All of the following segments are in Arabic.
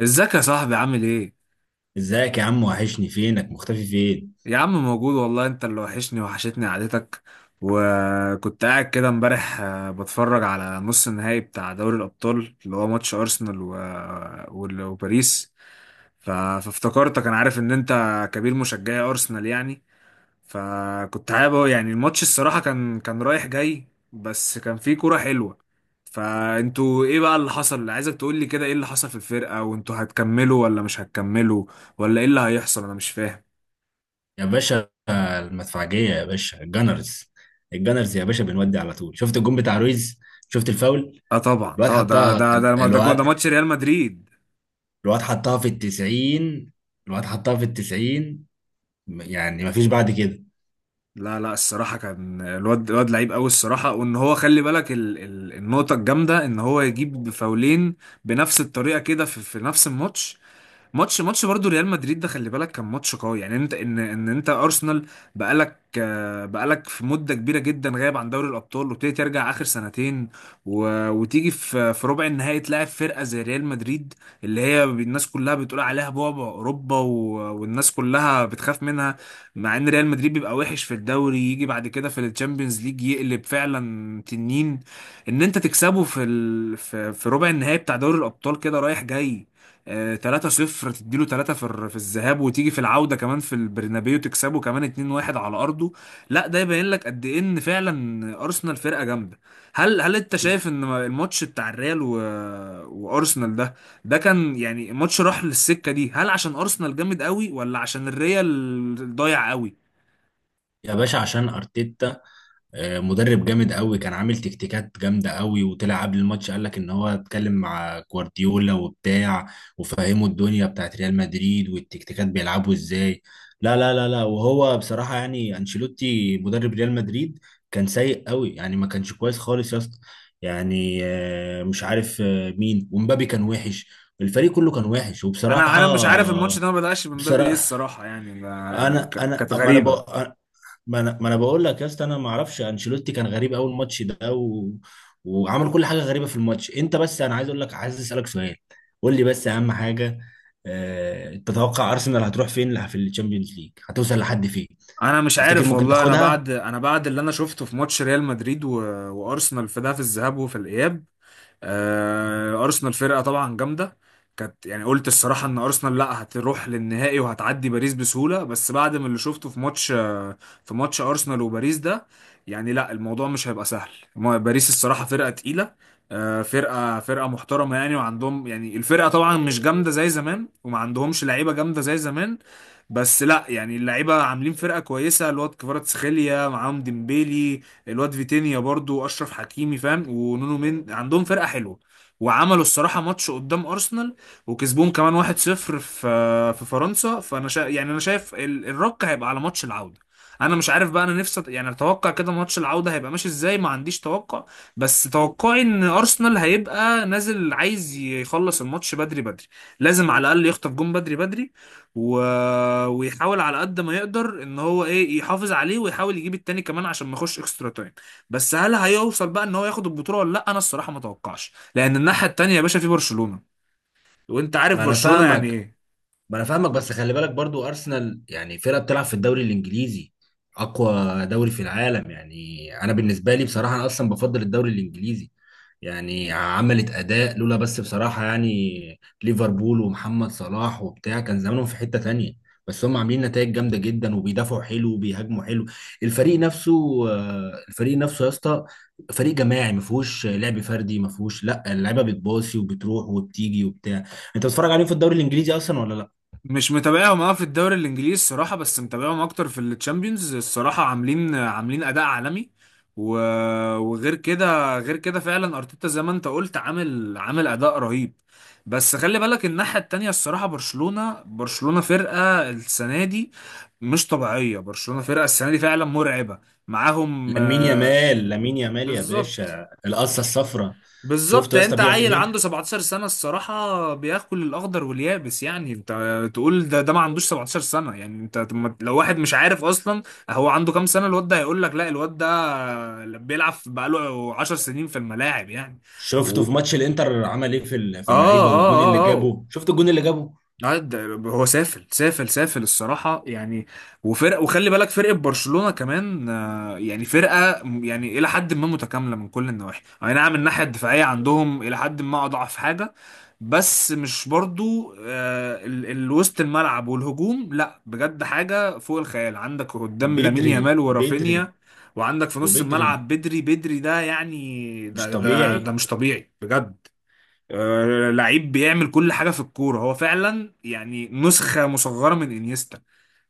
ازيك يا صاحبي عامل ايه؟ ازيك يا عم، وحشني، فينك مختفي فين؟ يا عم موجود والله، انت اللي وحشني وحشتني قعدتك. وكنت قاعد كده امبارح، بتفرج على نص النهائي بتاع دوري الأبطال اللي هو ماتش أرسنال وباريس. فافتكرتك، انا عارف ان انت كبير مشجعي أرسنال يعني. يعني الماتش الصراحة كان رايح جاي، بس كان فيه كورة حلوة. فانتوا ايه بقى اللي حصل؟ عايزك تقولي كده ايه اللي حصل في الفرقة، وانتوا هتكملوا ولا مش هتكملوا؟ ولا ايه اللي هيحصل، انا مش فاهم. يا باشا المدفعجية، يا باشا الجانرز. الجانرز يا باشا، بنودي على طول. شفت الجون بتاع رويز؟ شفت الفاول؟ اه طبعا الواد طبعا، ده حطها، ده ده ده جون، ده الواد، ماتش ريال مدريد. الواد حطها في التسعين، الواد حطها في التسعين. يعني مفيش بعد كده. لا لا، الصراحه كان الواد لعيب قوي الصراحه. وان هو خلي بالك ال النقطه الجامده ان هو يجيب فاولين بنفس الطريقه كده في نفس الماتش. ماتش برضو ريال مدريد ده، خلي بالك كان ماتش قوي. يعني انت ان انت ارسنال بقالك، بقالك في مده كبيره جدا غايب عن دوري الابطال، وابتدي ترجع اخر سنتين، وتيجي في ربع النهائي تلاعب فرقه زي ريال مدريد، اللي هي الناس كلها بتقول عليها بعبع اوروبا، والناس كلها بتخاف منها. مع ان ريال مدريد بيبقى وحش في الدوري، يجي بعد كده في الشامبيونز ليج يقلب فعلا تنين. ان انت تكسبه في ربع النهائي بتاع دوري الابطال كده رايح جاي، آه، 3-0 تديله 3 في الذهاب، وتيجي في العودة كمان في البرنابيو تكسبه كمان 2-1 على أرضه. لا ده يبين لك قد إيه إن فعلا أرسنال فرقة جامدة. هل أنت شايف إن الماتش بتاع الريال وأرسنال ده، ده كان يعني ماتش راح للسكة دي، هل عشان أرسنال جامد قوي ولا عشان الريال ضايع قوي؟ يا باشا عشان ارتيتا، مدرب جامد قوي، كان عامل تكتيكات جامده قوي، وطلع قبل الماتش قال لك ان هو اتكلم مع جوارديولا وبتاع، وفهمه الدنيا بتاعت ريال مدريد والتكتيكات بيلعبوا ازاي. لا لا لا لا، وهو بصراحه يعني انشيلوتي مدرب ريال مدريد كان سيء قوي، يعني ما كانش كويس خالص يا اسطى. يعني مش عارف مين، ومبابي كان وحش. الفريق كله كان وحش، أنا وبصراحه. أنا مش عارف الماتش ده ما بدأش من باب إيه بصراحه، الصراحة، يعني ده انا انا كانت اما انا غريبة. بقى. ما انا بقول لك يا اسطى، انا ما اعرفش، انشيلوتي كان غريب اول ماتش ده، و... وعمل كل حاجه غريبه في الماتش. انت بس انا عايز اقول لك، عايز اسالك سؤال، قول لي بس اهم حاجه. تتوقع ارسنال هتروح فين في الشامبيونز ليج؟ هتوصل لحد فين؟ انا مش تفتكر عارف ممكن والله، انا تاخدها؟ بعد انا بعد اللي انا شفته في ماتش ريال مدريد وارسنال في ده، في الذهاب وفي الاياب، ارسنال فرقه طبعا جامده. كانت يعني قلت الصراحه ان ارسنال لا هتروح للنهائي وهتعدي باريس بسهوله، بس بعد ما اللي شفته في ماتش، في ماتش ارسنال وباريس ده، يعني لا، الموضوع مش هيبقى سهل. باريس الصراحه فرقه تقيله، فرقه محترمه يعني. وعندهم يعني الفرقه طبعا مش جامده زي زمان، وما عندهمش لعيبه جامده زي زمان. بس لا، يعني اللعيبه عاملين فرقه كويسه. الواد كفاراتسخيليا، معاهم ديمبيلي، الواد فيتينيا برضو، اشرف حكيمي فاهم، ونونو مين. عندهم فرقه حلوه، وعملوا الصراحه ماتش قدام ارسنال، وكسبوهم كمان 1-0 في فرنسا. يعني انا شايف الرك هيبقى على ماتش العوده. انا مش عارف بقى، انا نفسي، يعني اتوقع كده ماتش العوده هيبقى ماشي ازاي، ما عنديش توقع. بس توقعي ان ارسنال هيبقى نازل عايز يخلص الماتش بدري بدري. لازم على الاقل يخطف جون بدري بدري، و... ويحاول على قد ما يقدر ان هو ايه يحافظ عليه، ويحاول يجيب التاني كمان عشان ما يخش اكسترا تايم. بس هل هيوصل بقى ان هو ياخد البطوله ولا لا؟ انا الصراحه ما اتوقعش، لان الناحيه التانيه يا باشا في برشلونه، وانت عارف ما انا برشلونه يعني فاهمك، ايه. ما انا فاهمك، بس خلي بالك برضو، ارسنال يعني فرقه بتلعب في الدوري الانجليزي، اقوى دوري في العالم. يعني انا بالنسبه لي بصراحه، انا اصلا بفضل الدوري الانجليزي. يعني عملت اداء لولا، بس بصراحه يعني ليفربول ومحمد صلاح وبتاع كان زمانهم في حته تانية. بس هم عاملين نتائج جامده جدا، وبيدافعوا حلو، وبيهاجموا حلو. الفريق نفسه، الفريق نفسه يا اسطى. فريق جماعي، ما فيهوش لعب فردي، ما فيهوش، لا، اللعيبه بتباصي وبتروح وبتيجي وبتاع. انت بتتفرج عليهم في الدوري الانجليزي اصلا ولا لا؟ مش متابعهم اه في الدوري الانجليزي الصراحه، بس متابعهم اكتر في التشامبيونز الصراحه. عاملين اداء عالمي، و... وغير كده غير كده فعلا ارتيتا زي ما انت قلت عامل اداء رهيب. بس خلي بالك الناحيه التانيه الصراحه، برشلونه فرقه السنه دي مش طبيعيه. برشلونه فرقه السنه دي فعلا مرعبه، معاهم، لامين يامال، لامين يامال يا بالظبط. باشا، القصه الصفراء. شفته بالظبط، يا يعني اسطى انت بيعمل عيل عنده ايه؟ 17 سنة الصراحة، بياكل الأخضر واليابس. يعني انت تقول ده ما عندوش 17 سنة، يعني انت طب لو واحد مش عارف أصلا هو عنده كام سنة، الواد ده هيقول لك لا، الواد ده بيلعب بقاله 10 سنين في الملاعب يعني. شفته و... في اه ماتش الانتر عمل ايه في اه اللعيبه؟ والجون اللي اه اه جابه، شفت الجون اللي جابه؟ آه، ده- هو سافل سافل سافل الصراحة يعني. وفرق، وخلي بالك فرقة برشلونة كمان، يعني فرقة، يعني إلى حد ما متكاملة من كل النواحي. أي نعم الناحية الدفاعية عندهم إلى حد ما أضعف حاجة، بس مش برضو، وسط الملعب والهجوم، لا بجد حاجة فوق الخيال. عندك قدام لامين بدري يامال بدري، ورافينيا، وعندك في نص وبدري الملعب بدري. بدري ده يعني مش ده طبيعي. مش طبيعي بجد. لعيب بيعمل كل حاجة في الكورة، هو فعلا يعني نسخة مصغرة من انيستا.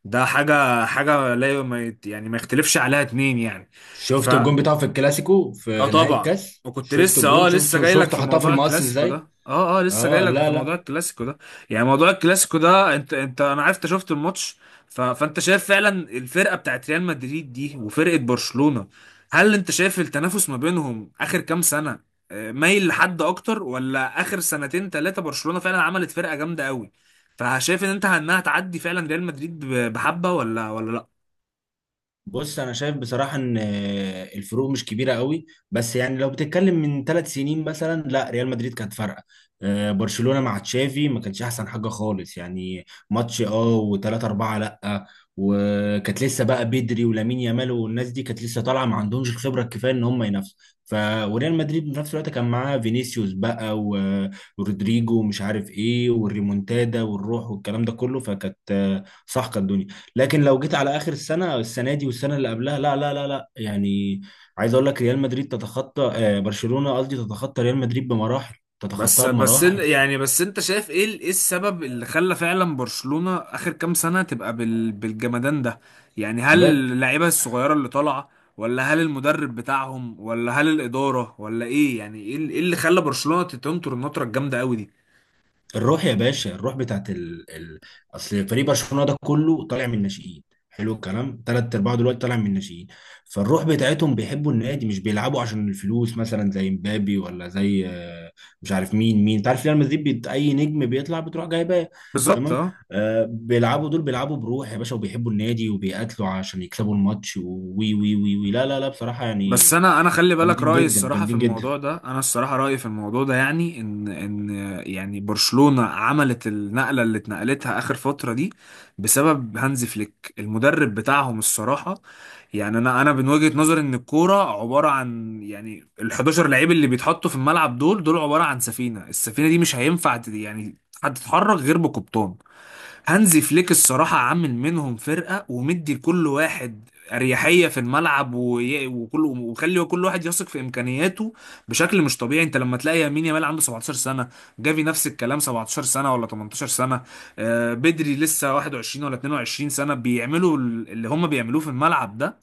ده حاجة، حاجة لا ي- ما يت- يعني ما يختلفش عليها اتنين يعني. ف شفت الجون بتاعه في الكلاسيكو اه في نهائي طبعا. الكاس؟ وكنت شفت لسه، الجون؟ لسه شفته جاي لك شفته في حطها في موضوع المقص الكلاسيكو ده. ازاي؟ اه اه، لسه جاي اه، لك لا في موضوع لا. الكلاسيكو ده. يعني موضوع الكلاسيكو ده، انت انا عرفت شفت الماتش. فانت شايف فعلا الفرقه بتاعت ريال مدريد دي وفرقه برشلونه، هل انت شايف التنافس ما بينهم اخر كام سنه مايل لحد اكتر، ولا اخر سنتين ثلاثه برشلونه فعلا عملت فرقه جامده قوي؟ فشايف ان انت انها تعدي فعلا ريال مدريد، بحبه، ولا لا؟ بص، انا شايف بصراحه ان الفروق مش كبيره قوي، بس يعني لو بتتكلم من 3 سنين مثلا، لا، ريال مدريد كانت فارقه. برشلونه مع تشافي ما كانش احسن حاجه خالص يعني. ماتش وثلاثة أربعة، لا. وكانت لسه بقى بدري ولامين يامال والناس دي كانت لسه طالعه، ما عندهمش الخبره الكفايه ان هم ينافسوا. ف وريال مدريد في نفس الوقت كان معاه فينيسيوس بقى، و- ورودريجو ومش عارف ايه والريمونتادا والروح والكلام ده كله، فكانت صح كانت الدنيا. لكن لو جيت على اخر السنه، السنه دي والسنه اللي قبلها، لا لا لا لا، يعني عايز اقول لك ريال مدريد تتخطى برشلونه، قصدي تتخطى ريال مدريد بمراحل، بس تتخطاها بس بمراحل. يعني بس انت شايف ايه، ايه السبب اللي خلى فعلا برشلونة اخر كام سنة تبقى بالجمدان ده؟ يعني هل اللعيبة الصغيرة اللي طالعة، ولا هل المدرب بتاعهم، ولا هل الإدارة، ولا ايه؟ يعني ايه إيه اللي خلى برشلونة تنطر النطرة الجامدة قوي دي؟ الروح يا باشا، الروح بتاعت اصل فريق برشلونه ده كله طالع من الناشئين. حلو الكلام، ثلاث ارباعه دلوقتي طالع من الناشئين. فالروح بتاعتهم بيحبوا النادي، مش بيلعبوا عشان الفلوس مثلا زي مبابي، ولا زي مش عارف مين، انت عارف ريال مدريد اي نجم بيطلع بتروح جايباه. بالظبط تمام. اه. بيلعبوا دول بيلعبوا بروح يا باشا، وبيحبوا النادي، وبيقاتلوا عشان يكسبوا الماتش، وي وي وي وي، لا لا لا، بصراحه بس يعني انا خلي بالك جامدين رأيي جدا، الصراحة في جامدين جدا. الموضوع ده، انا الصراحة رأيي في الموضوع ده يعني ان يعني برشلونة عملت النقلة اللي اتنقلتها اخر فترة دي بسبب هانز فليك المدرب بتاعهم الصراحة. يعني انا من وجهة نظري ان الكوره عباره عن يعني ال 11 لعيب اللي بيتحطوا في الملعب، دول عباره عن سفينه. السفينه دي مش هينفع، يعني هتتحرك غير بقبطان. هانزي فليك الصراحه عامل منهم فرقه، ومدي لكل واحد اريحيه في الملعب، وي- وكل وخلي كل واحد يثق في امكانياته بشكل مش طبيعي. انت لما تلاقي يمين يامال عنده 17 سنه، جافي نفس الكلام، 17 سنه ولا 18 سنه، بدري لسه 21 ولا 22 سنه بيعملوا اللي هم بيعملوه في الملعب ده،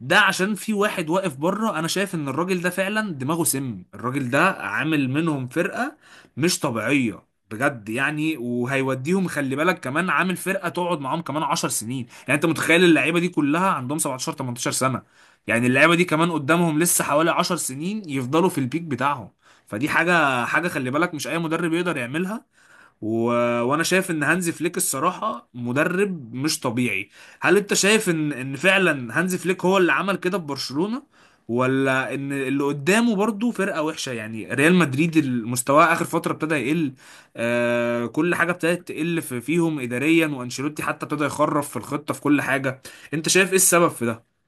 ده عشان في واحد واقف بره. انا شايف ان الراجل ده فعلا دماغه سم، الراجل ده عامل منهم فرقة مش طبيعية بجد يعني. وهيوديهم، خلي بالك كمان عامل فرقة تقعد معاهم كمان 10 سنين. يعني انت متخيل اللعيبة دي كلها عندهم 17 18 سنة؟ يعني اللعيبة دي كمان قدامهم لسه حوالي 10 سنين يفضلوا في البيك بتاعهم. فدي حاجة، خلي بالك مش اي مدرب يقدر يعملها، و... وانا شايف ان هانزي فليك الصراحه مدرب مش طبيعي. هل انت شايف ان فعلا هانزي فليك هو اللي عمل كده في برشلونه، ولا ان اللي قدامه برضو فرقه وحشه، يعني ريال مدريد المستوى اخر فتره ابتدى يقل؟ آه كل حاجه ابتدت تقل في فيهم اداريا، وانشيلوتي حتى ابتدى يخرف في الخطه في كل حاجه. انت شايف ايه السبب في ده؟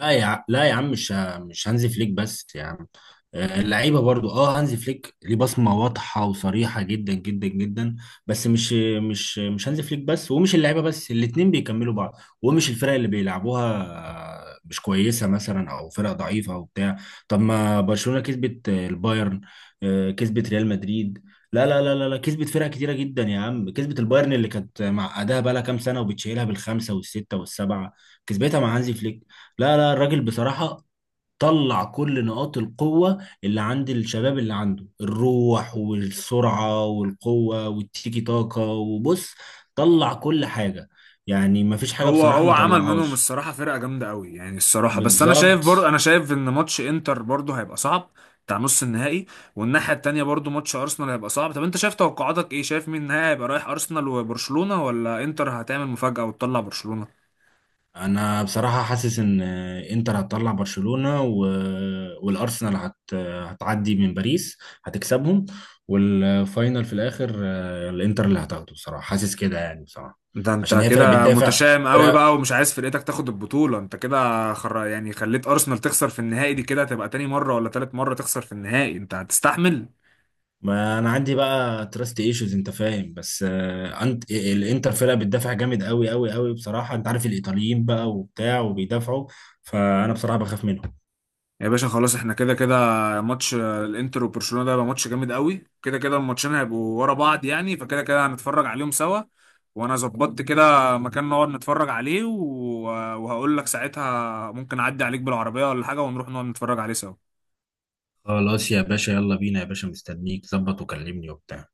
لا يا عم، مش هانزي فليك بس يا عم. اللعيبه برضو، هانزي فليك ليه بصمه واضحه وصريحه جدا جدا جدا. بس مش هانزي فليك بس، ومش اللعيبه بس، الاتنين بيكملوا بعض. ومش الفرق اللي بيلعبوها مش كويسه مثلا، او فرق ضعيفه، او بتاع. طب ما برشلونه كسبت البايرن، كسبت ريال مدريد. لا لا لا لا لا، كسبت فرق كتيره جدا يا عم، كسبت البايرن اللي كانت معقداها بقى لها كام سنه، وبتشيلها بالخمسه والسته والسبعه. كسبتها مع هانزي فليك. لا لا، الراجل بصراحة طلع كل نقاط القوة اللي عند الشباب، اللي عنده الروح والسرعة والقوة والتيكي تاكا، وبص، طلع كل حاجة. يعني مفيش حاجة هو بصراحة هو ما عمل منهم طلعهاش. الصراحة فرقة جامدة قوي يعني الصراحة. بس أنا شايف بالظبط. برضه أنا شايف إن ماتش إنتر برضه هيبقى صعب، بتاع نص النهائي. والناحية التانية برضه ماتش أرسنال هيبقى صعب. طب أنت شايف توقعاتك إيه؟ شايف مين النهائي هيبقى رايح أرسنال وبرشلونة، ولا إنتر هتعمل مفاجأة وتطلع برشلونة؟ أنا بصراحة حاسس إن إنتر هتطلع برشلونة، و... والأرسنال هت... هتعدي من باريس، هتكسبهم. والفاينل في الآخر، الإنتر اللي هتاخده بصراحة، حاسس كده يعني بصراحة. ده عشان أنت هي فرقة كده بتدافع. متشائم قوي بقى ومش عايز فرقتك تاخد البطولة. أنت كده، يعني خليت أرسنال تخسر في النهائي دي. كده هتبقى تاني مرة ولا تالت مرة تخسر في النهائي؟ أنت هتستحمل؟ ما انا عندي بقى تراست ايشوز، انت فاهم، بس انت الانتر فرقه بتدافع جامد قوي قوي قوي بصراحه، انت عارف الايطاليين بقى وبتاع وبيدافعوا. فانا بصراحه بخاف منهم. يا باشا خلاص، احنا كده كده. ماتش، الانتر وبرشلونة ده هيبقى ماتش جامد قوي كده كده، الماتشين هيبقوا ورا بعض، يعني فكده كده هنتفرج عليهم سوا. وانا ظبطت كده مكان نقعد نتفرج عليه، وهقول لك ساعتها ممكن اعدي عليك بالعربية ولا حاجة، ونروح نقعد نتفرج عليه سوا. خلاص يا باشا، يلا بينا يا باشا، مستنيك ظبط وكلمني وبتاع.